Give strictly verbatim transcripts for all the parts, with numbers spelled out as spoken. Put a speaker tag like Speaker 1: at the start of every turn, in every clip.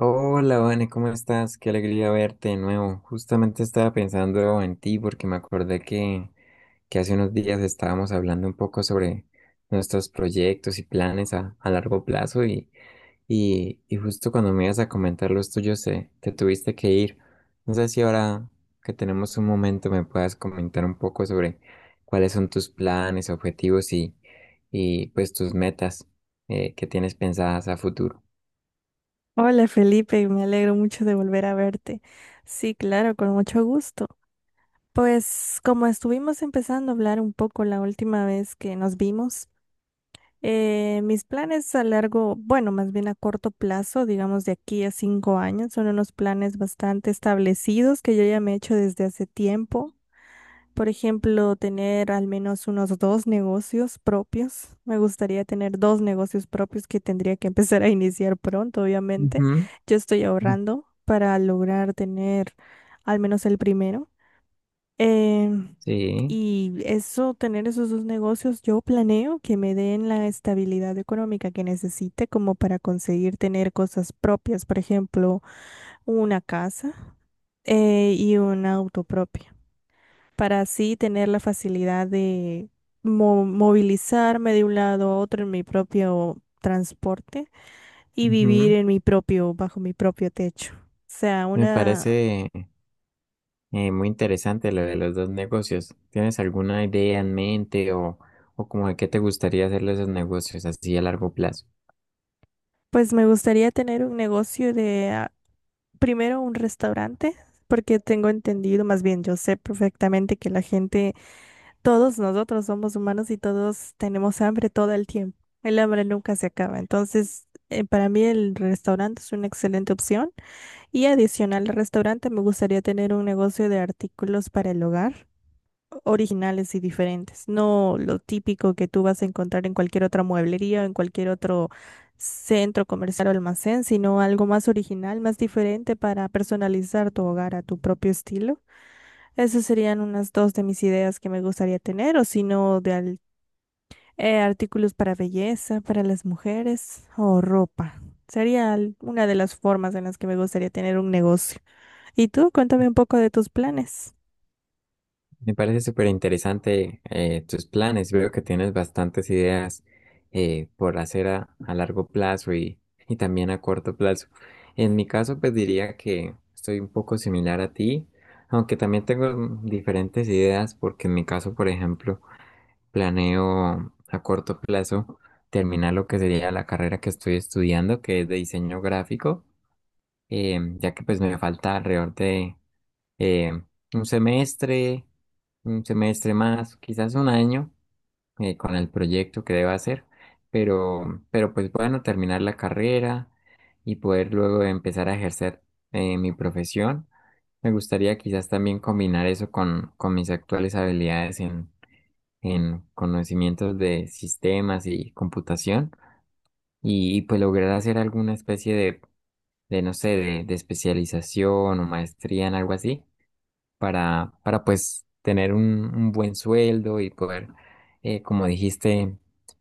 Speaker 1: Hola, Vane, ¿cómo estás? Qué alegría verte de nuevo. Justamente estaba pensando en ti porque me acordé que, que hace unos días estábamos hablando un poco sobre nuestros proyectos y planes a, a largo plazo y, y, y justo cuando me ibas a comentar los tuyos te, te tuviste que ir. No sé si ahora que tenemos un momento me puedas comentar un poco sobre cuáles son tus planes, objetivos y, y pues tus metas eh, que tienes pensadas a futuro.
Speaker 2: Hola Felipe, me alegro mucho de volver a verte. Sí, claro, con mucho gusto. Pues como estuvimos empezando a hablar un poco la última vez que nos vimos, eh, mis planes a largo, bueno, más bien a corto plazo, digamos de aquí a cinco años, son unos planes bastante establecidos que yo ya me he hecho desde hace tiempo. Por ejemplo, tener al menos unos dos negocios propios. Me gustaría tener dos negocios propios que tendría que empezar a iniciar pronto, obviamente.
Speaker 1: Ujú.
Speaker 2: Yo estoy ahorrando para lograr tener al menos el primero. Em,
Speaker 1: Sí,
Speaker 2: y eso, tener esos dos negocios, yo planeo que me den la estabilidad económica que necesite como para conseguir tener cosas propias, por ejemplo, una casa eh, y un auto propio para así tener la facilidad de mo- movilizarme de un lado a otro en mi propio transporte y vivir
Speaker 1: ujú.
Speaker 2: en mi propio, bajo mi propio techo. O sea,
Speaker 1: Me
Speaker 2: una,
Speaker 1: parece eh, muy interesante lo de los dos negocios. ¿Tienes alguna idea en mente o, o como de qué te gustaría hacer de esos negocios así a largo plazo?
Speaker 2: pues me gustaría tener un negocio de, ah, primero un restaurante, porque tengo entendido, más bien yo sé perfectamente que la gente, todos nosotros somos humanos y todos tenemos hambre todo el tiempo. El hambre nunca se acaba. Entonces, eh, para mí el restaurante es una excelente opción. Y adicional al restaurante, me gustaría tener un negocio de artículos para el hogar, originales y diferentes, no lo típico que tú vas a encontrar en cualquier otra mueblería o en cualquier otro centro comercial o almacén, sino algo más original, más diferente para personalizar tu hogar a tu propio estilo. Esas serían unas dos de mis ideas que me gustaría tener, o si no, de al- eh, artículos para belleza, para las mujeres o ropa. Sería al- una de las formas en las que me gustaría tener un negocio. ¿Y tú? Cuéntame un poco de tus planes.
Speaker 1: Me parece súper interesante eh, tus planes. Veo que tienes bastantes ideas eh, por hacer a, a largo plazo y, y también a corto plazo. En mi caso, pues diría que estoy un poco similar a ti, aunque también tengo mm, diferentes ideas porque en mi caso, por ejemplo, planeo a corto plazo terminar lo que sería la carrera que estoy estudiando, que es de diseño gráfico, eh, ya que pues me falta alrededor de eh, un semestre, un semestre más, quizás un año eh, con el proyecto que debo hacer, pero, pero pues bueno, terminar la carrera y poder luego empezar a ejercer eh, mi profesión. Me gustaría quizás también combinar eso con, con mis actuales habilidades en conocimientos de sistemas y computación y, y, pues lograr hacer alguna especie de, de no sé, de, de especialización o maestría en algo así para, para pues tener un, un buen sueldo y poder, eh, como dijiste,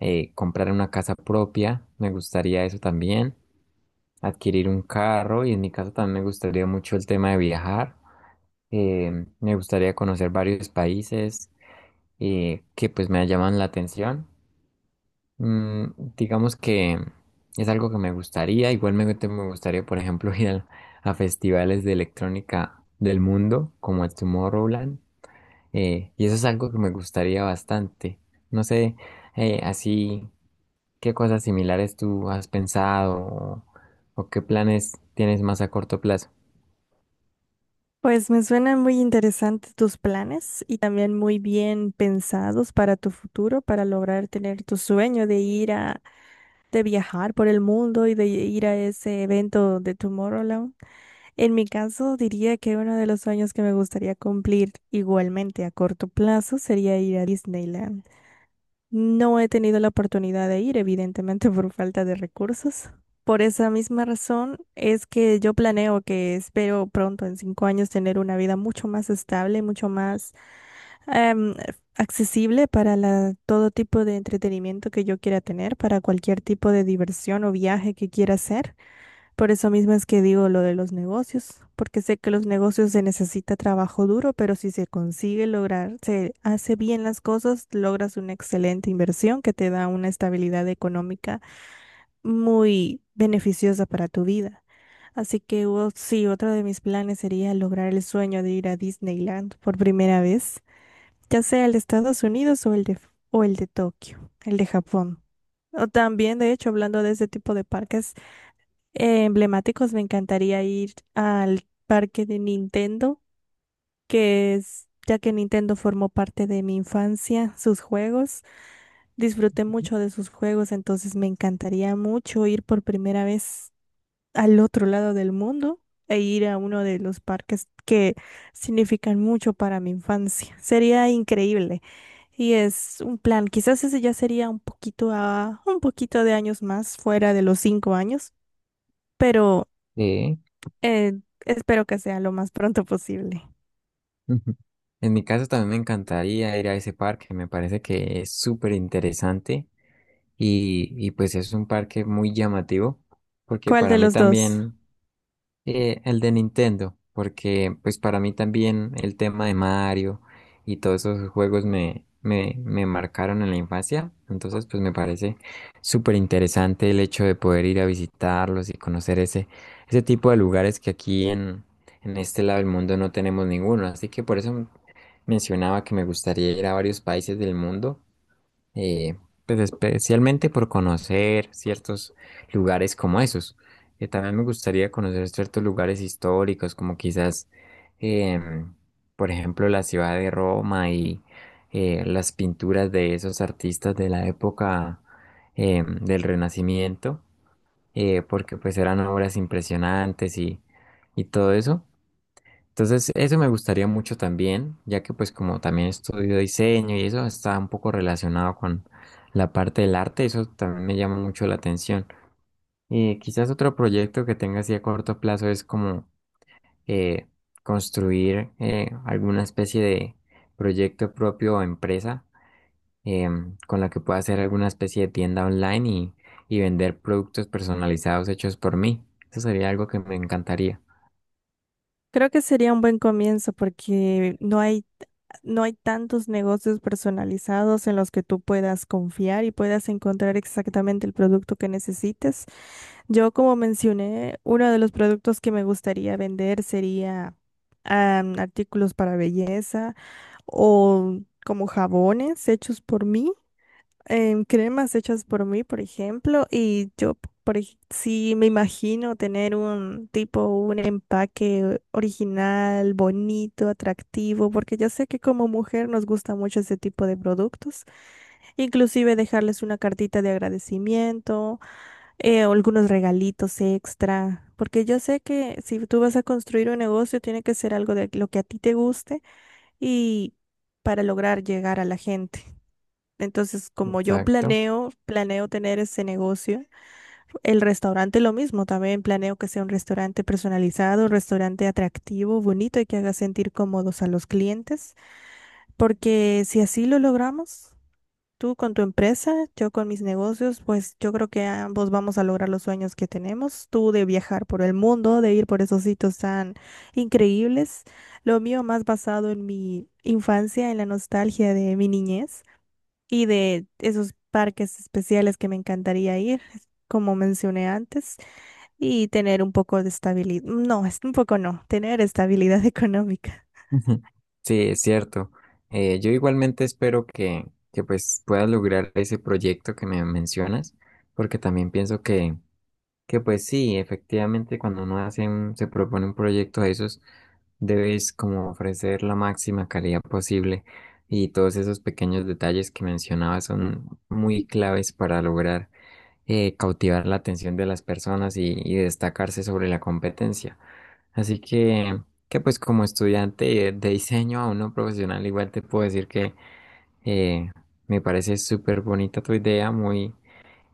Speaker 1: eh, comprar una casa propia, me gustaría eso también, adquirir un carro y en mi caso también me gustaría mucho el tema de viajar, eh, me gustaría conocer varios países eh, que pues me llaman la atención. Mm, digamos que es algo que me gustaría. Igualmente me gustaría, por ejemplo, ir al- a, festivales de electrónica del mundo, como el Tomorrowland. Eh, y eso es algo que me gustaría bastante. No sé, eh, así, ¿qué cosas similares tú has pensado o, o qué planes tienes más a corto plazo?
Speaker 2: Pues me suenan muy interesantes tus planes y también muy bien pensados para tu futuro, para lograr tener tu sueño de ir a, de viajar por el mundo y de ir a ese evento de Tomorrowland. En mi caso, diría que uno de los sueños que me gustaría cumplir igualmente a corto plazo sería ir a Disneyland. No he tenido la oportunidad de ir, evidentemente por falta de recursos. Por esa misma razón es que yo planeo que espero pronto, en cinco años, tener una vida mucho más estable, mucho más em, accesible para la- todo tipo de entretenimiento que yo quiera tener, para cualquier tipo de diversión o viaje que quiera hacer. Por eso mismo es que digo lo de los negocios, porque sé que los negocios se necesita trabajo duro, pero si se consigue lograr, se hace bien las cosas, logras una excelente inversión que te da una estabilidad económica muy beneficiosa para tu vida. Así que o- sí, otro de mis planes sería lograr el sueño de ir a Disneyland por primera vez, ya sea el de Estados Unidos o el de, o el de Tokio, el de Japón. O también, de hecho, hablando de ese tipo de parques eh, emblemáticos, me encantaría ir al parque de Nintendo, que es, ya que Nintendo formó parte de mi infancia, sus juegos, disfruté mucho de sus juegos, entonces me encantaría mucho ir por primera vez al otro lado del mundo e ir a uno de los parques que significan mucho para mi infancia. Sería increíble. Y es un plan, quizás ese ya sería un poquito a, un poquito de años más, fuera de los cinco años, pero
Speaker 1: Sí.
Speaker 2: Eh, espero que sea lo más pronto posible.
Speaker 1: Ujú. En mi caso también me encantaría ir a ese parque, me parece que es súper interesante. Y, y pues es un parque muy llamativo, porque
Speaker 2: ¿Cuál
Speaker 1: para
Speaker 2: de
Speaker 1: mí
Speaker 2: los dos?
Speaker 1: también eh, el de Nintendo, porque pues para mí también el tema de Mario y todos esos juegos me, me, me marcaron en la infancia, entonces pues me parece súper interesante el hecho de poder ir a visitarlos y conocer ese, ese tipo de lugares que aquí en, en este lado del mundo no tenemos ninguno, así que por eso mencionaba que me gustaría ir a varios países del mundo eh, pues especialmente por conocer ciertos lugares como esos. Eh, también me gustaría conocer ciertos lugares históricos, como quizás, em, por ejemplo, la ciudad de Roma y eh, las pinturas de esos artistas de la época em, del Renacimiento, eh, porque pues eran obras impresionantes y, y todo eso. Entonces, eso me gustaría mucho también, ya que pues como también estudio diseño y eso está un poco relacionado con la parte del arte, eso también me llama mucho la atención. Y quizás otro proyecto que tenga así a corto plazo es como eh, construir eh, alguna especie de proyecto propio o empresa em, con la que pueda hacer alguna especie de tienda online y, y vender productos personalizados hechos por mí. Eso sería algo que me encantaría.
Speaker 2: Creo que sería un buen comienzo porque no hay, no hay tantos negocios personalizados en los que tú puedas confiar y puedas encontrar exactamente el producto que necesites. Yo, como mencioné, uno de los productos que me gustaría vender sería am, artículos para belleza o como jabones hechos por mí. Em, cremas hechas por mí, por ejemplo, y yo, por ej- sí me imagino tener un tipo, un empaque original, bonito, atractivo, porque yo sé que como mujer nos gusta mucho ese tipo de productos, inclusive dejarles una cartita de agradecimiento, eh, o algunos regalitos extra. Porque yo sé que si tú vas a construir un negocio, tiene que ser algo de lo que a ti te guste y para lograr llegar a la gente. Entonces, como yo
Speaker 1: Exacto.
Speaker 2: planeo, planeo tener ese negocio, el restaurante lo mismo, también planeo que sea un restaurante personalizado, un restaurante atractivo, bonito y que haga sentir cómodos a los clientes, porque si así lo logramos, tú con tu empresa, yo con mis negocios, pues yo creo que ambos vamos a lograr los sueños que tenemos, tú de viajar por el mundo, de ir por esos sitios tan increíbles, lo mío más basado en mi infancia, en la nostalgia de mi niñez y de esos parques especiales que me encantaría ir, como mencioné antes, y tener un poco de estabilidad. No, es un poco no, tener estabilidad económica.
Speaker 1: Ujú. Sí, es cierto. Eh, yo igualmente espero que, que pues puedas lograr ese proyecto que me mencionas, porque también pienso que, que pues sí, efectivamente cuando uno hace un- se propone un proyecto de esos, debes como ofrecer la máxima calidad posible y todos esos pequeños detalles que mencionabas son muy claves para lograr eh, cautivar la atención de las personas y, y destacarse sobre la competencia. Así que, que pues como estudiante de diseño a uno profesional, igual te puedo decir que eh, me parece súper bonita tu idea, muy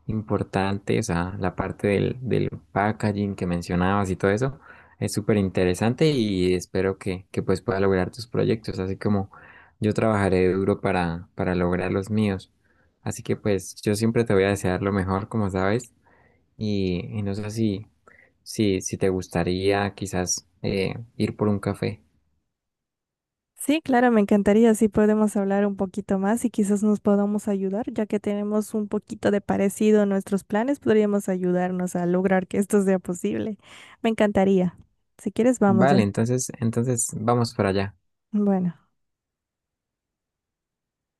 Speaker 1: importante, o sea, la parte del, del packaging que mencionabas y todo eso es súper interesante y espero que, que pues puedas lograr tus proyectos, así como yo trabajaré duro para, para lograr los míos. Así que pues yo siempre te voy a desear lo mejor, como sabes, y, y no sé si si, si te gustaría quizás eh, ir por un café.
Speaker 2: Sí, claro, me encantaría si podemos hablar un poquito más y quizás nos podamos ayudar, ya que tenemos un poquito de parecido en nuestros planes, podríamos ayudarnos a lograr que esto sea posible. Me encantaría. Si quieres, vamos
Speaker 1: Vale,
Speaker 2: ya.
Speaker 1: entonces, entonces vamos para allá.
Speaker 2: Bueno.